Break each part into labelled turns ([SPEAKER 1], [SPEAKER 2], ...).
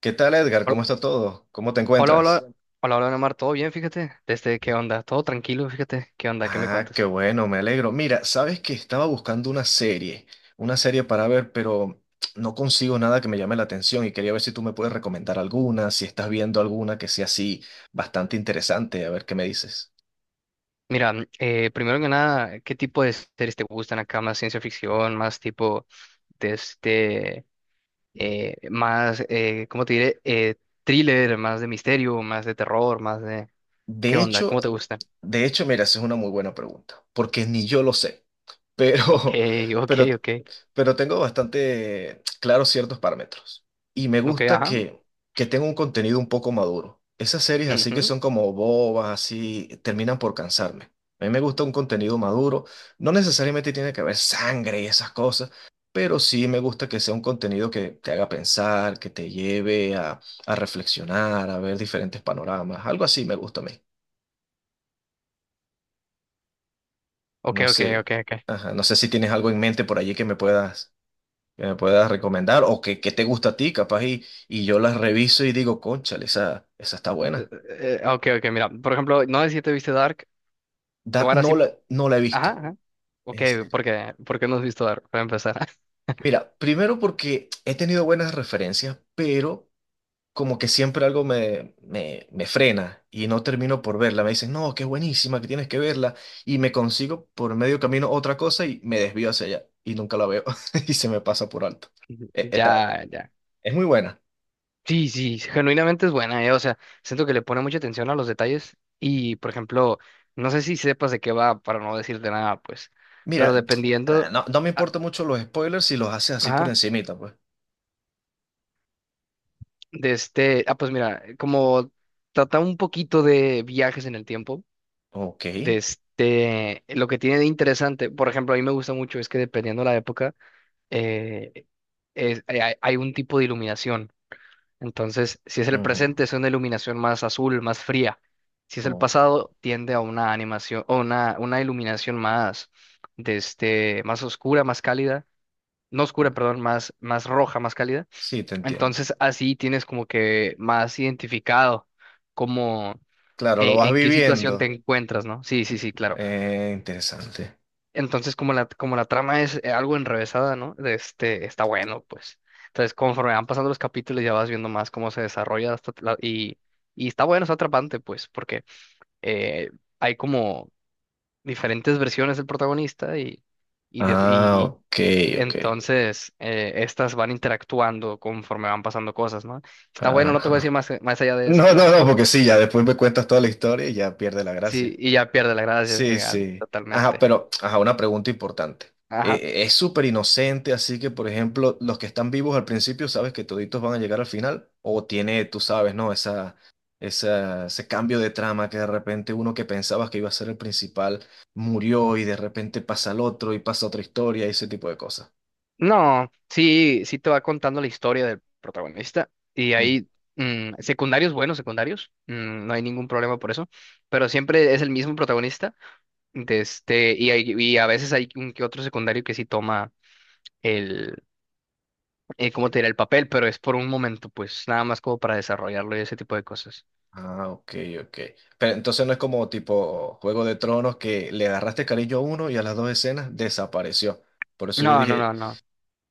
[SPEAKER 1] ¿Qué tal, Edgar?
[SPEAKER 2] Hol-
[SPEAKER 1] ¿Cómo está todo? ¿Cómo te
[SPEAKER 2] Hola, hola,
[SPEAKER 1] encuentras?
[SPEAKER 2] hola, hola, Neomar, ¿todo bien? Fíjate, desde qué onda, todo tranquilo, fíjate, qué onda, qué me
[SPEAKER 1] Ah, qué
[SPEAKER 2] cuentas.
[SPEAKER 1] bueno, me alegro. Mira, sabes que estaba buscando una serie para ver, pero no consigo nada que me llame la atención y quería ver si tú me puedes recomendar alguna, si estás viendo alguna que sea así bastante interesante, a ver qué me dices.
[SPEAKER 2] Mira, primero que nada, ¿qué tipo de series te gustan acá? ¿Más ciencia ficción, más tipo de este, más, ¿cómo te diré? Thriller, más de misterio, más de terror, más de... ¿Qué
[SPEAKER 1] De
[SPEAKER 2] onda?
[SPEAKER 1] hecho,
[SPEAKER 2] ¿Cómo te gustan?
[SPEAKER 1] de hecho, mira, esa es una muy buena pregunta, porque ni yo lo sé, pero,
[SPEAKER 2] Ok, ok,
[SPEAKER 1] pero,
[SPEAKER 2] ok,
[SPEAKER 1] pero tengo bastante claros ciertos parámetros y me
[SPEAKER 2] ok,
[SPEAKER 1] gusta
[SPEAKER 2] ajá,
[SPEAKER 1] que tenga un contenido un poco maduro. Esas series así que
[SPEAKER 2] ujú,
[SPEAKER 1] son como bobas, así, terminan por cansarme. A mí me gusta un contenido maduro, no necesariamente tiene que haber sangre y esas cosas, pero sí me gusta que sea un contenido que te haga pensar, que te lleve a reflexionar, a ver diferentes panoramas, algo así me gusta a mí.
[SPEAKER 2] Ok,
[SPEAKER 1] No
[SPEAKER 2] ok,
[SPEAKER 1] sé,
[SPEAKER 2] ok, ok.
[SPEAKER 1] ajá, no sé si tienes algo en mente por allí que me puedas recomendar o que te gusta a ti, capaz, y yo las reviso y digo, cónchale, esa está buena.
[SPEAKER 2] Ok, mira, por ejemplo, no sé si te viste Dark, te voy
[SPEAKER 1] Dark
[SPEAKER 2] a dar así,
[SPEAKER 1] no la he visto.
[SPEAKER 2] ajá, Ok,
[SPEAKER 1] ¿En serio?
[SPEAKER 2] porque, porque no has visto Dark, para empezar.
[SPEAKER 1] Mira, primero porque he tenido buenas referencias, pero como que siempre algo me frena y no termino por verla. Me dicen, no, que es buenísima, que tienes que verla. Y me consigo por medio camino otra cosa y me desvío hacia allá y nunca la veo y se me pasa por alto. Está,
[SPEAKER 2] Ya, ya.
[SPEAKER 1] es muy buena.
[SPEAKER 2] Sí, sí, genuinamente es buena, o sea, siento que le pone mucha atención a los detalles y, por ejemplo, no sé si sepas de qué va, para no decirte nada, pues,
[SPEAKER 1] Mira,
[SPEAKER 2] pero
[SPEAKER 1] ah,
[SPEAKER 2] dependiendo,
[SPEAKER 1] no, no me
[SPEAKER 2] ah,
[SPEAKER 1] importan mucho los spoilers si los haces así por
[SPEAKER 2] ajá,
[SPEAKER 1] encimita, pues.
[SPEAKER 2] de este, ah, pues mira, como trata un poquito de viajes en el tiempo,
[SPEAKER 1] Ok.
[SPEAKER 2] de este, lo que tiene de interesante, por ejemplo, a mí me gusta mucho es que dependiendo la época, eh, hay un tipo de iluminación. Entonces, si es el
[SPEAKER 1] Ujú,
[SPEAKER 2] presente, es una iluminación más azul, más fría. Si es el
[SPEAKER 1] ok,
[SPEAKER 2] pasado, tiende a una animación o una iluminación más, de este, más oscura, más cálida. No oscura,
[SPEAKER 1] ah,
[SPEAKER 2] perdón, más roja, más cálida.
[SPEAKER 1] sí, te entiendo.
[SPEAKER 2] Entonces, así tienes como que más identificado como
[SPEAKER 1] Claro, lo vas
[SPEAKER 2] en qué situación te
[SPEAKER 1] viviendo.
[SPEAKER 2] encuentras, ¿no? Sí, sí, sí, claro.
[SPEAKER 1] Interesante.
[SPEAKER 2] Entonces, como la trama es algo enrevesada, ¿no? De este, está bueno, pues. Entonces, conforme van pasando los capítulos, ya vas viendo más cómo se desarrolla y está bueno, está atrapante, pues, porque eh, hay como diferentes versiones del protagonista y, y, de-
[SPEAKER 1] Ah,
[SPEAKER 2] y
[SPEAKER 1] ok, ok.
[SPEAKER 2] entonces estas van interactuando conforme van pasando cosas, ¿no? Está bueno, no te voy a decir
[SPEAKER 1] Ajá.
[SPEAKER 2] más, más allá de eso.
[SPEAKER 1] No, no, no, porque sí, ya después me cuentas toda la historia y ya pierde la
[SPEAKER 2] Sí,
[SPEAKER 1] gracia.
[SPEAKER 2] y ya pierde la gracia, sí,
[SPEAKER 1] Sí,
[SPEAKER 2] ya,
[SPEAKER 1] sí. Ajá,
[SPEAKER 2] totalmente.
[SPEAKER 1] pero, ajá, una pregunta importante.
[SPEAKER 2] Ajá.
[SPEAKER 1] Es súper inocente, así que, por ejemplo, los que están vivos al principio, ¿sabes que toditos van a llegar al final? O tiene, tú sabes, ¿no? Esa, ese cambio de trama que de repente uno que pensabas que iba a ser el principal murió y de repente pasa al otro y pasa otra historia y ese tipo de cosas.
[SPEAKER 2] No, sí, sí te va contando la historia del protagonista y hay secundarios buenos, secundarios, no hay ningún problema por eso, pero siempre es el mismo protagonista de este, y a veces hay un que otro secundario que sí toma el, ¿cómo te diré? El papel, pero es por un momento, pues nada más como para desarrollarlo y ese tipo de cosas.
[SPEAKER 1] Ah, ok, ok. Pero entonces no es como tipo Juego de Tronos que le agarraste cariño a uno y a las dos escenas desapareció. Por eso yo
[SPEAKER 2] No, no,
[SPEAKER 1] dije,
[SPEAKER 2] no, no.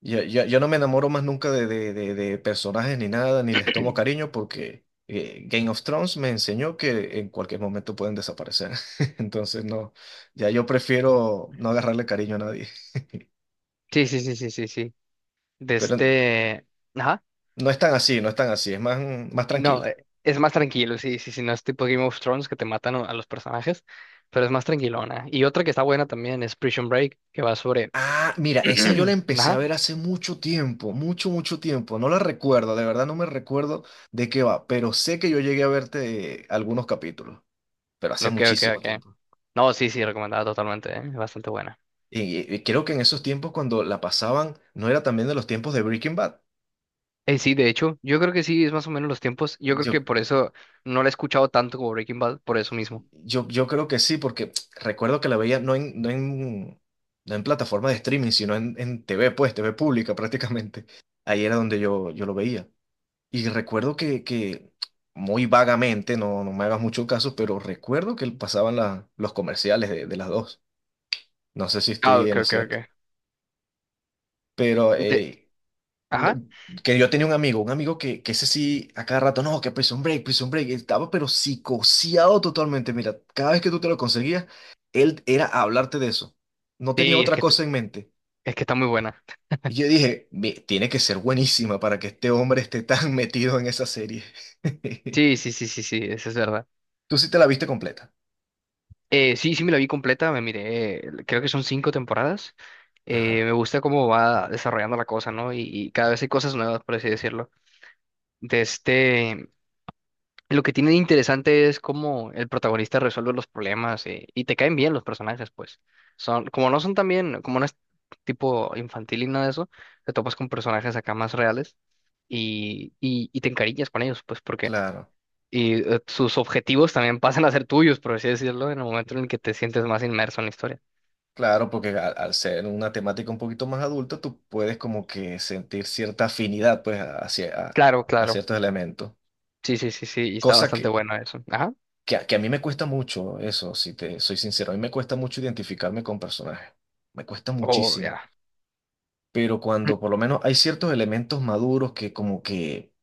[SPEAKER 1] yo no me enamoro más nunca de personajes ni nada, ni les tomo cariño porque Game of Thrones me enseñó que en cualquier momento pueden desaparecer. Entonces no, ya yo prefiero no agarrarle cariño a nadie.
[SPEAKER 2] Sí, sí, sí, sí, sí, sí. De
[SPEAKER 1] Pero
[SPEAKER 2] este... Ajá.
[SPEAKER 1] no es tan así, no es tan así, es más, más
[SPEAKER 2] No,
[SPEAKER 1] tranquila.
[SPEAKER 2] es más tranquilo, sí, sí, sí, no es tipo Game of Thrones que te matan a los personajes, pero es más tranquilona. Y otra que está buena también es Prison Break, que va sobre...
[SPEAKER 1] Ah, mira, esa yo la empecé a
[SPEAKER 2] Ajá,
[SPEAKER 1] ver hace mucho tiempo, mucho, mucho tiempo. No la recuerdo, de verdad no me recuerdo de qué va, pero sé que yo llegué a verte algunos capítulos, pero hace
[SPEAKER 2] ok,
[SPEAKER 1] muchísimo
[SPEAKER 2] ok.
[SPEAKER 1] tiempo.
[SPEAKER 2] No, sí, sí, recomendada totalmente, bastante buena.
[SPEAKER 1] Y, creo que en esos tiempos cuando la pasaban, no era también de los tiempos de Breaking Bad.
[SPEAKER 2] Sí, de hecho, yo creo que sí, es más o menos los tiempos. Yo creo
[SPEAKER 1] Yo,
[SPEAKER 2] que por eso no la he escuchado tanto como Breaking Bad, por eso mismo.
[SPEAKER 1] yo creo que sí, porque recuerdo que la veía no en plataforma de streaming, sino en TV, pues, TV pública prácticamente. Ahí era donde yo lo veía. Y recuerdo que muy vagamente, no, no me hagas mucho caso, pero recuerdo que pasaban los comerciales de las dos. No sé si
[SPEAKER 2] Ah,
[SPEAKER 1] estoy
[SPEAKER 2] ok,
[SPEAKER 1] en lo
[SPEAKER 2] ok, ok.
[SPEAKER 1] cierto. Pero
[SPEAKER 2] De-
[SPEAKER 1] no-
[SPEAKER 2] Ajá,
[SPEAKER 1] que yo tenía un amigo que ese sí, a cada rato, no, que Prison Break, Prison Break, estaba pero psicoseado totalmente. Mira, cada vez que tú te lo conseguías, él era hablarte de eso. No tenía
[SPEAKER 2] sí,
[SPEAKER 1] otra cosa en mente.
[SPEAKER 2] es que está muy buena.
[SPEAKER 1] Y yo dije: "Ve, tiene que ser buenísima para que este hombre esté tan metido en esa serie".
[SPEAKER 2] Sí, sí, sí, sí, sí, eso es verdad.
[SPEAKER 1] Tú sí te la viste completa.
[SPEAKER 2] Sí, sí me la vi completa, me miré, creo que son cinco temporadas.
[SPEAKER 1] Ajá,
[SPEAKER 2] Me gusta cómo va desarrollando la cosa, ¿no? Y cada vez hay cosas nuevas, por así decirlo. De este, lo que tiene de interesante es cómo el protagonista resuelve los problemas y te caen bien los personajes, pues. Son, como no son también, como no es tipo infantil y nada de eso, te topas con personajes acá más reales y te encariñas con ellos, pues porque
[SPEAKER 1] claro,
[SPEAKER 2] sus objetivos también pasan a ser tuyos, por así decirlo, en el momento en el que te sientes más inmerso en la historia.
[SPEAKER 1] claro, porque al ser una temática un poquito más adulta, tú puedes como que sentir cierta afinidad pues hacia
[SPEAKER 2] Claro,
[SPEAKER 1] a
[SPEAKER 2] claro.
[SPEAKER 1] ciertos elementos.
[SPEAKER 2] Sí, sí, sí, sí. Y está
[SPEAKER 1] Cosa que,
[SPEAKER 2] bastante bueno eso. Ajá.
[SPEAKER 1] que a mí me cuesta mucho, eso, si te soy sincero, a mí me cuesta mucho identificarme con personajes. Me cuesta
[SPEAKER 2] Oh,
[SPEAKER 1] muchísimo.
[SPEAKER 2] ya.
[SPEAKER 1] Pero
[SPEAKER 2] Mm,
[SPEAKER 1] cuando por lo menos hay ciertos elementos maduros que como que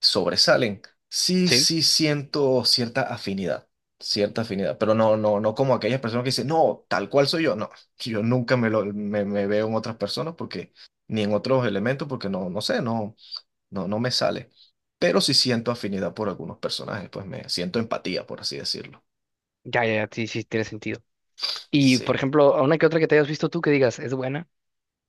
[SPEAKER 1] sobresalen, sí,
[SPEAKER 2] sí,
[SPEAKER 1] sí siento cierta afinidad, pero no, no, no como aquellas personas que dicen, no, tal cual soy yo, no, yo nunca me veo en otras personas porque, ni en otros elementos porque no, no sé, no, no me sale, pero sí siento afinidad por algunos personajes, pues me siento empatía, por así decirlo.
[SPEAKER 2] ya, ya, ya, sí, sí, tiene sentido. Y, por
[SPEAKER 1] Sí.
[SPEAKER 2] ejemplo, a una que otra que te hayas visto tú que digas, ¿es buena?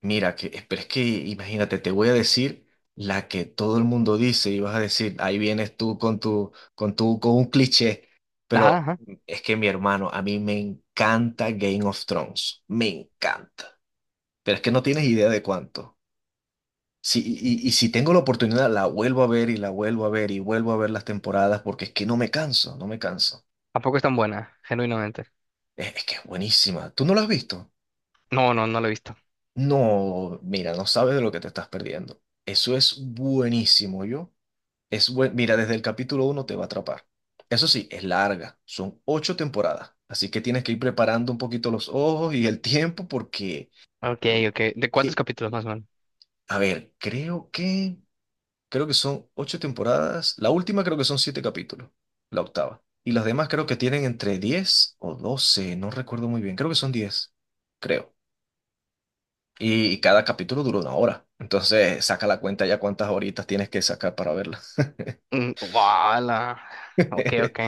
[SPEAKER 1] Mira, que, pero es que imagínate, te voy a decir la que todo el mundo dice y vas a decir, ahí vienes tú con tu, con un cliché,
[SPEAKER 2] Ajá,
[SPEAKER 1] pero
[SPEAKER 2] ajá.
[SPEAKER 1] es que mi hermano, a mí me encanta Game of Thrones, me encanta, pero es que no tienes idea de cuánto. Sí y si tengo la oportunidad, la vuelvo a ver y la vuelvo a ver y vuelvo a ver las temporadas porque es que no me canso, no me canso.
[SPEAKER 2] ¿Tampoco es tan buena? Genuinamente.
[SPEAKER 1] Es que es buenísima. ¿Tú no la has visto?
[SPEAKER 2] No, no, no lo he visto.
[SPEAKER 1] No, mira, no sabes de lo que te estás perdiendo. Eso es buenísimo, yo. Es buen, mira, desde el capítulo uno te va a atrapar. Eso sí, es larga, son ocho temporadas, así que tienes que ir preparando un poquito los ojos y el tiempo porque,
[SPEAKER 2] Ok,
[SPEAKER 1] eh,
[SPEAKER 2] ok. ¿De cuántos
[SPEAKER 1] eh,
[SPEAKER 2] capítulos más o menos?
[SPEAKER 1] a ver, creo que son ocho temporadas, la última creo que son siete capítulos, la octava, y las demás creo que tienen entre 10 o 12, no recuerdo muy bien, creo que son 10, creo. Y cada capítulo dura una hora, entonces saca la cuenta ya cuántas horitas tienes que sacar para verla.
[SPEAKER 2] Mm, ¡Wala! Ok, ok.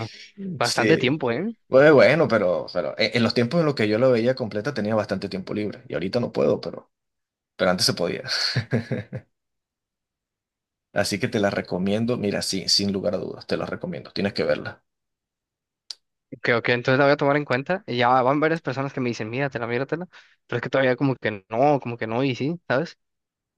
[SPEAKER 2] Bastante
[SPEAKER 1] Sí.
[SPEAKER 2] tiempo, ¿eh?
[SPEAKER 1] Bueno, bueno, pero en los tiempos en los que yo la veía completa tenía bastante tiempo libre y ahorita no puedo, pero antes se podía. Así que te la recomiendo, mira, sí, sin lugar a dudas, te la recomiendo, tienes que verla.
[SPEAKER 2] Ok, ok. Entonces la voy a tomar en cuenta. Y ya van varias personas que me dicen, míratela, míratela. Pero es que todavía como que no, y sí, ¿sabes?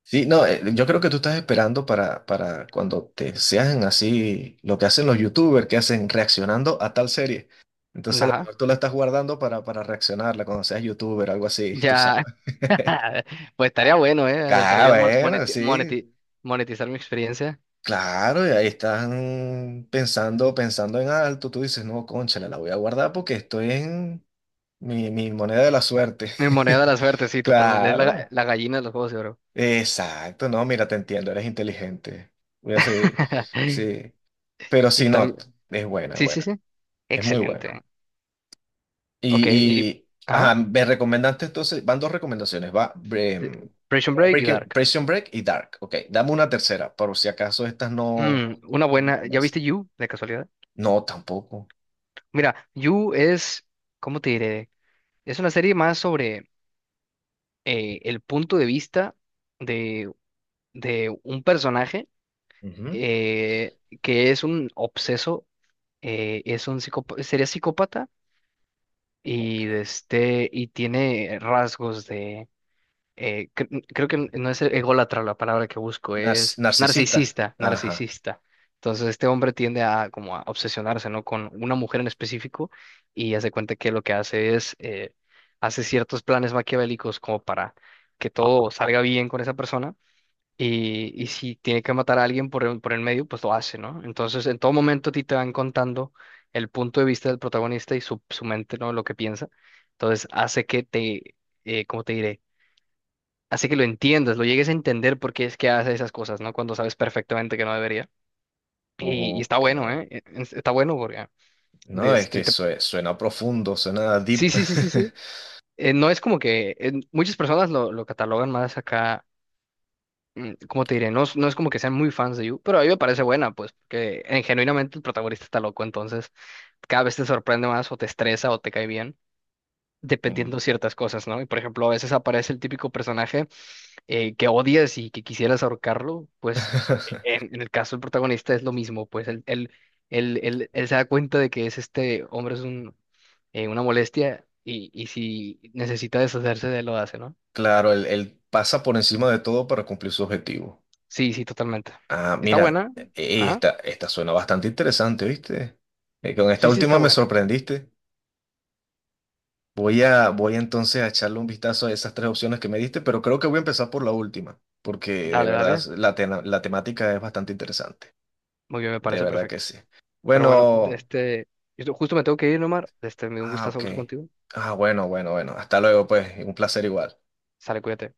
[SPEAKER 1] Sí, no, yo creo que tú estás esperando para cuando te sean así lo que hacen los youtubers, que hacen reaccionando a tal serie. Entonces a lo
[SPEAKER 2] Ajá.
[SPEAKER 1] mejor tú la estás guardando para reaccionarla cuando seas youtuber, algo así, tú sabes.
[SPEAKER 2] Ya. Pues estaría bueno, ¿eh? De
[SPEAKER 1] Ah,
[SPEAKER 2] perdido
[SPEAKER 1] bueno, sí.
[SPEAKER 2] monetizar mi experiencia.
[SPEAKER 1] Claro, y ahí están pensando, pensando en alto. Tú dices, no, cónchale, la voy a guardar porque estoy en mi moneda de la suerte.
[SPEAKER 2] Mi moneda de la suerte, sí, totalmente. Es la,
[SPEAKER 1] Claro,
[SPEAKER 2] la gallina de los juegos de oro.
[SPEAKER 1] exacto. No, mira, te entiendo, eres inteligente. Voy a seguir, sí. Pero
[SPEAKER 2] Y
[SPEAKER 1] si no,
[SPEAKER 2] también.
[SPEAKER 1] es buena, es
[SPEAKER 2] Sí, sí,
[SPEAKER 1] buena.
[SPEAKER 2] sí.
[SPEAKER 1] Es muy buena.
[SPEAKER 2] Excelente. Ok, y.
[SPEAKER 1] Y,
[SPEAKER 2] Ajá.
[SPEAKER 1] ajá, me recomendaste entonces, van dos recomendaciones, va
[SPEAKER 2] Sí,
[SPEAKER 1] em,
[SPEAKER 2] Prison
[SPEAKER 1] ¿cómo era?
[SPEAKER 2] Break y
[SPEAKER 1] Breaking,
[SPEAKER 2] Dark.
[SPEAKER 1] Prison Break y Dark. Ok, dame una tercera, por si acaso estas no,
[SPEAKER 2] Mm, una
[SPEAKER 1] no me
[SPEAKER 2] buena. ¿Ya
[SPEAKER 1] convencen.
[SPEAKER 2] viste You, de casualidad?
[SPEAKER 1] No, tampoco.
[SPEAKER 2] Mira, You es. ¿Cómo te diré? Es una serie más sobre el punto de vista de, de un personaje
[SPEAKER 1] Ujú,
[SPEAKER 2] eh, que es un obseso es un psicópata, sería psicópata
[SPEAKER 1] ok.
[SPEAKER 2] y de este y tiene rasgos de creo que no es ególatra la palabra que busco,
[SPEAKER 1] Nar-
[SPEAKER 2] es
[SPEAKER 1] narcisista.
[SPEAKER 2] narcisista,
[SPEAKER 1] Ajá.
[SPEAKER 2] narcisista. Entonces este hombre tiende a como a obsesionarse, ¿no? Con una mujer en específico y hace cuenta que lo que hace es hace ciertos planes maquiavélicos como para que todo salga bien con esa persona y si tiene que matar a alguien por el medio, pues lo hace, ¿no? Entonces, en todo momento a ti te van contando el punto de vista del protagonista y su mente, ¿no? Lo que piensa. Entonces, hace que te, ¿cómo te diré? Hace que lo entiendas, lo llegues a entender por qué es que hace esas cosas, ¿no? Cuando sabes perfectamente que no debería. Y está
[SPEAKER 1] Ok.
[SPEAKER 2] bueno, ¿eh? Está bueno porque... ah, de
[SPEAKER 1] No, es
[SPEAKER 2] este,
[SPEAKER 1] que
[SPEAKER 2] te-
[SPEAKER 1] sue- suena profundo, suena
[SPEAKER 2] Sí,
[SPEAKER 1] deep.
[SPEAKER 2] sí, sí, sí, sí. No es como que... muchas personas lo catalogan más acá como te diré, no, no es como que sean muy fans de You, pero a mí me parece buena, pues, porque genuinamente el protagonista está loco, entonces cada vez te sorprende más o te estresa o te cae bien,
[SPEAKER 1] Mm.
[SPEAKER 2] dependiendo ciertas cosas, ¿no? Y por ejemplo, a veces aparece el típico personaje que odias y que quisieras ahorcarlo, pues en el caso del protagonista es lo mismo, pues él se da cuenta de que es este hombre es un, una molestia y si necesita deshacerse de él lo hace, ¿no?
[SPEAKER 1] Claro, él pasa por encima de todo para cumplir su objetivo.
[SPEAKER 2] Sí, sí, totalmente.
[SPEAKER 1] Ah,
[SPEAKER 2] Está
[SPEAKER 1] mira,
[SPEAKER 2] buena. Ajá.
[SPEAKER 1] esta, esta suena bastante interesante, ¿viste? Con esta
[SPEAKER 2] Sí, sí, está
[SPEAKER 1] última me
[SPEAKER 2] buena.
[SPEAKER 1] sorprendiste. Voy a, voy entonces a echarle un vistazo a esas tres opciones que me diste, pero creo que voy a empezar por la última, porque de
[SPEAKER 2] Dale,
[SPEAKER 1] verdad
[SPEAKER 2] dale.
[SPEAKER 1] la temática es bastante interesante.
[SPEAKER 2] Muy bien, me
[SPEAKER 1] De
[SPEAKER 2] parece
[SPEAKER 1] verdad que
[SPEAKER 2] perfecto.
[SPEAKER 1] sí.
[SPEAKER 2] Pero bueno,
[SPEAKER 1] Bueno,
[SPEAKER 2] este, yo justo me tengo que ir, Omar. Este, me dio un
[SPEAKER 1] ah,
[SPEAKER 2] gustazo
[SPEAKER 1] ok.
[SPEAKER 2] hablar contigo.
[SPEAKER 1] Ah, bueno, bueno, bueno. Hasta luego, pues. Un placer igual.
[SPEAKER 2] Sale, cuídate.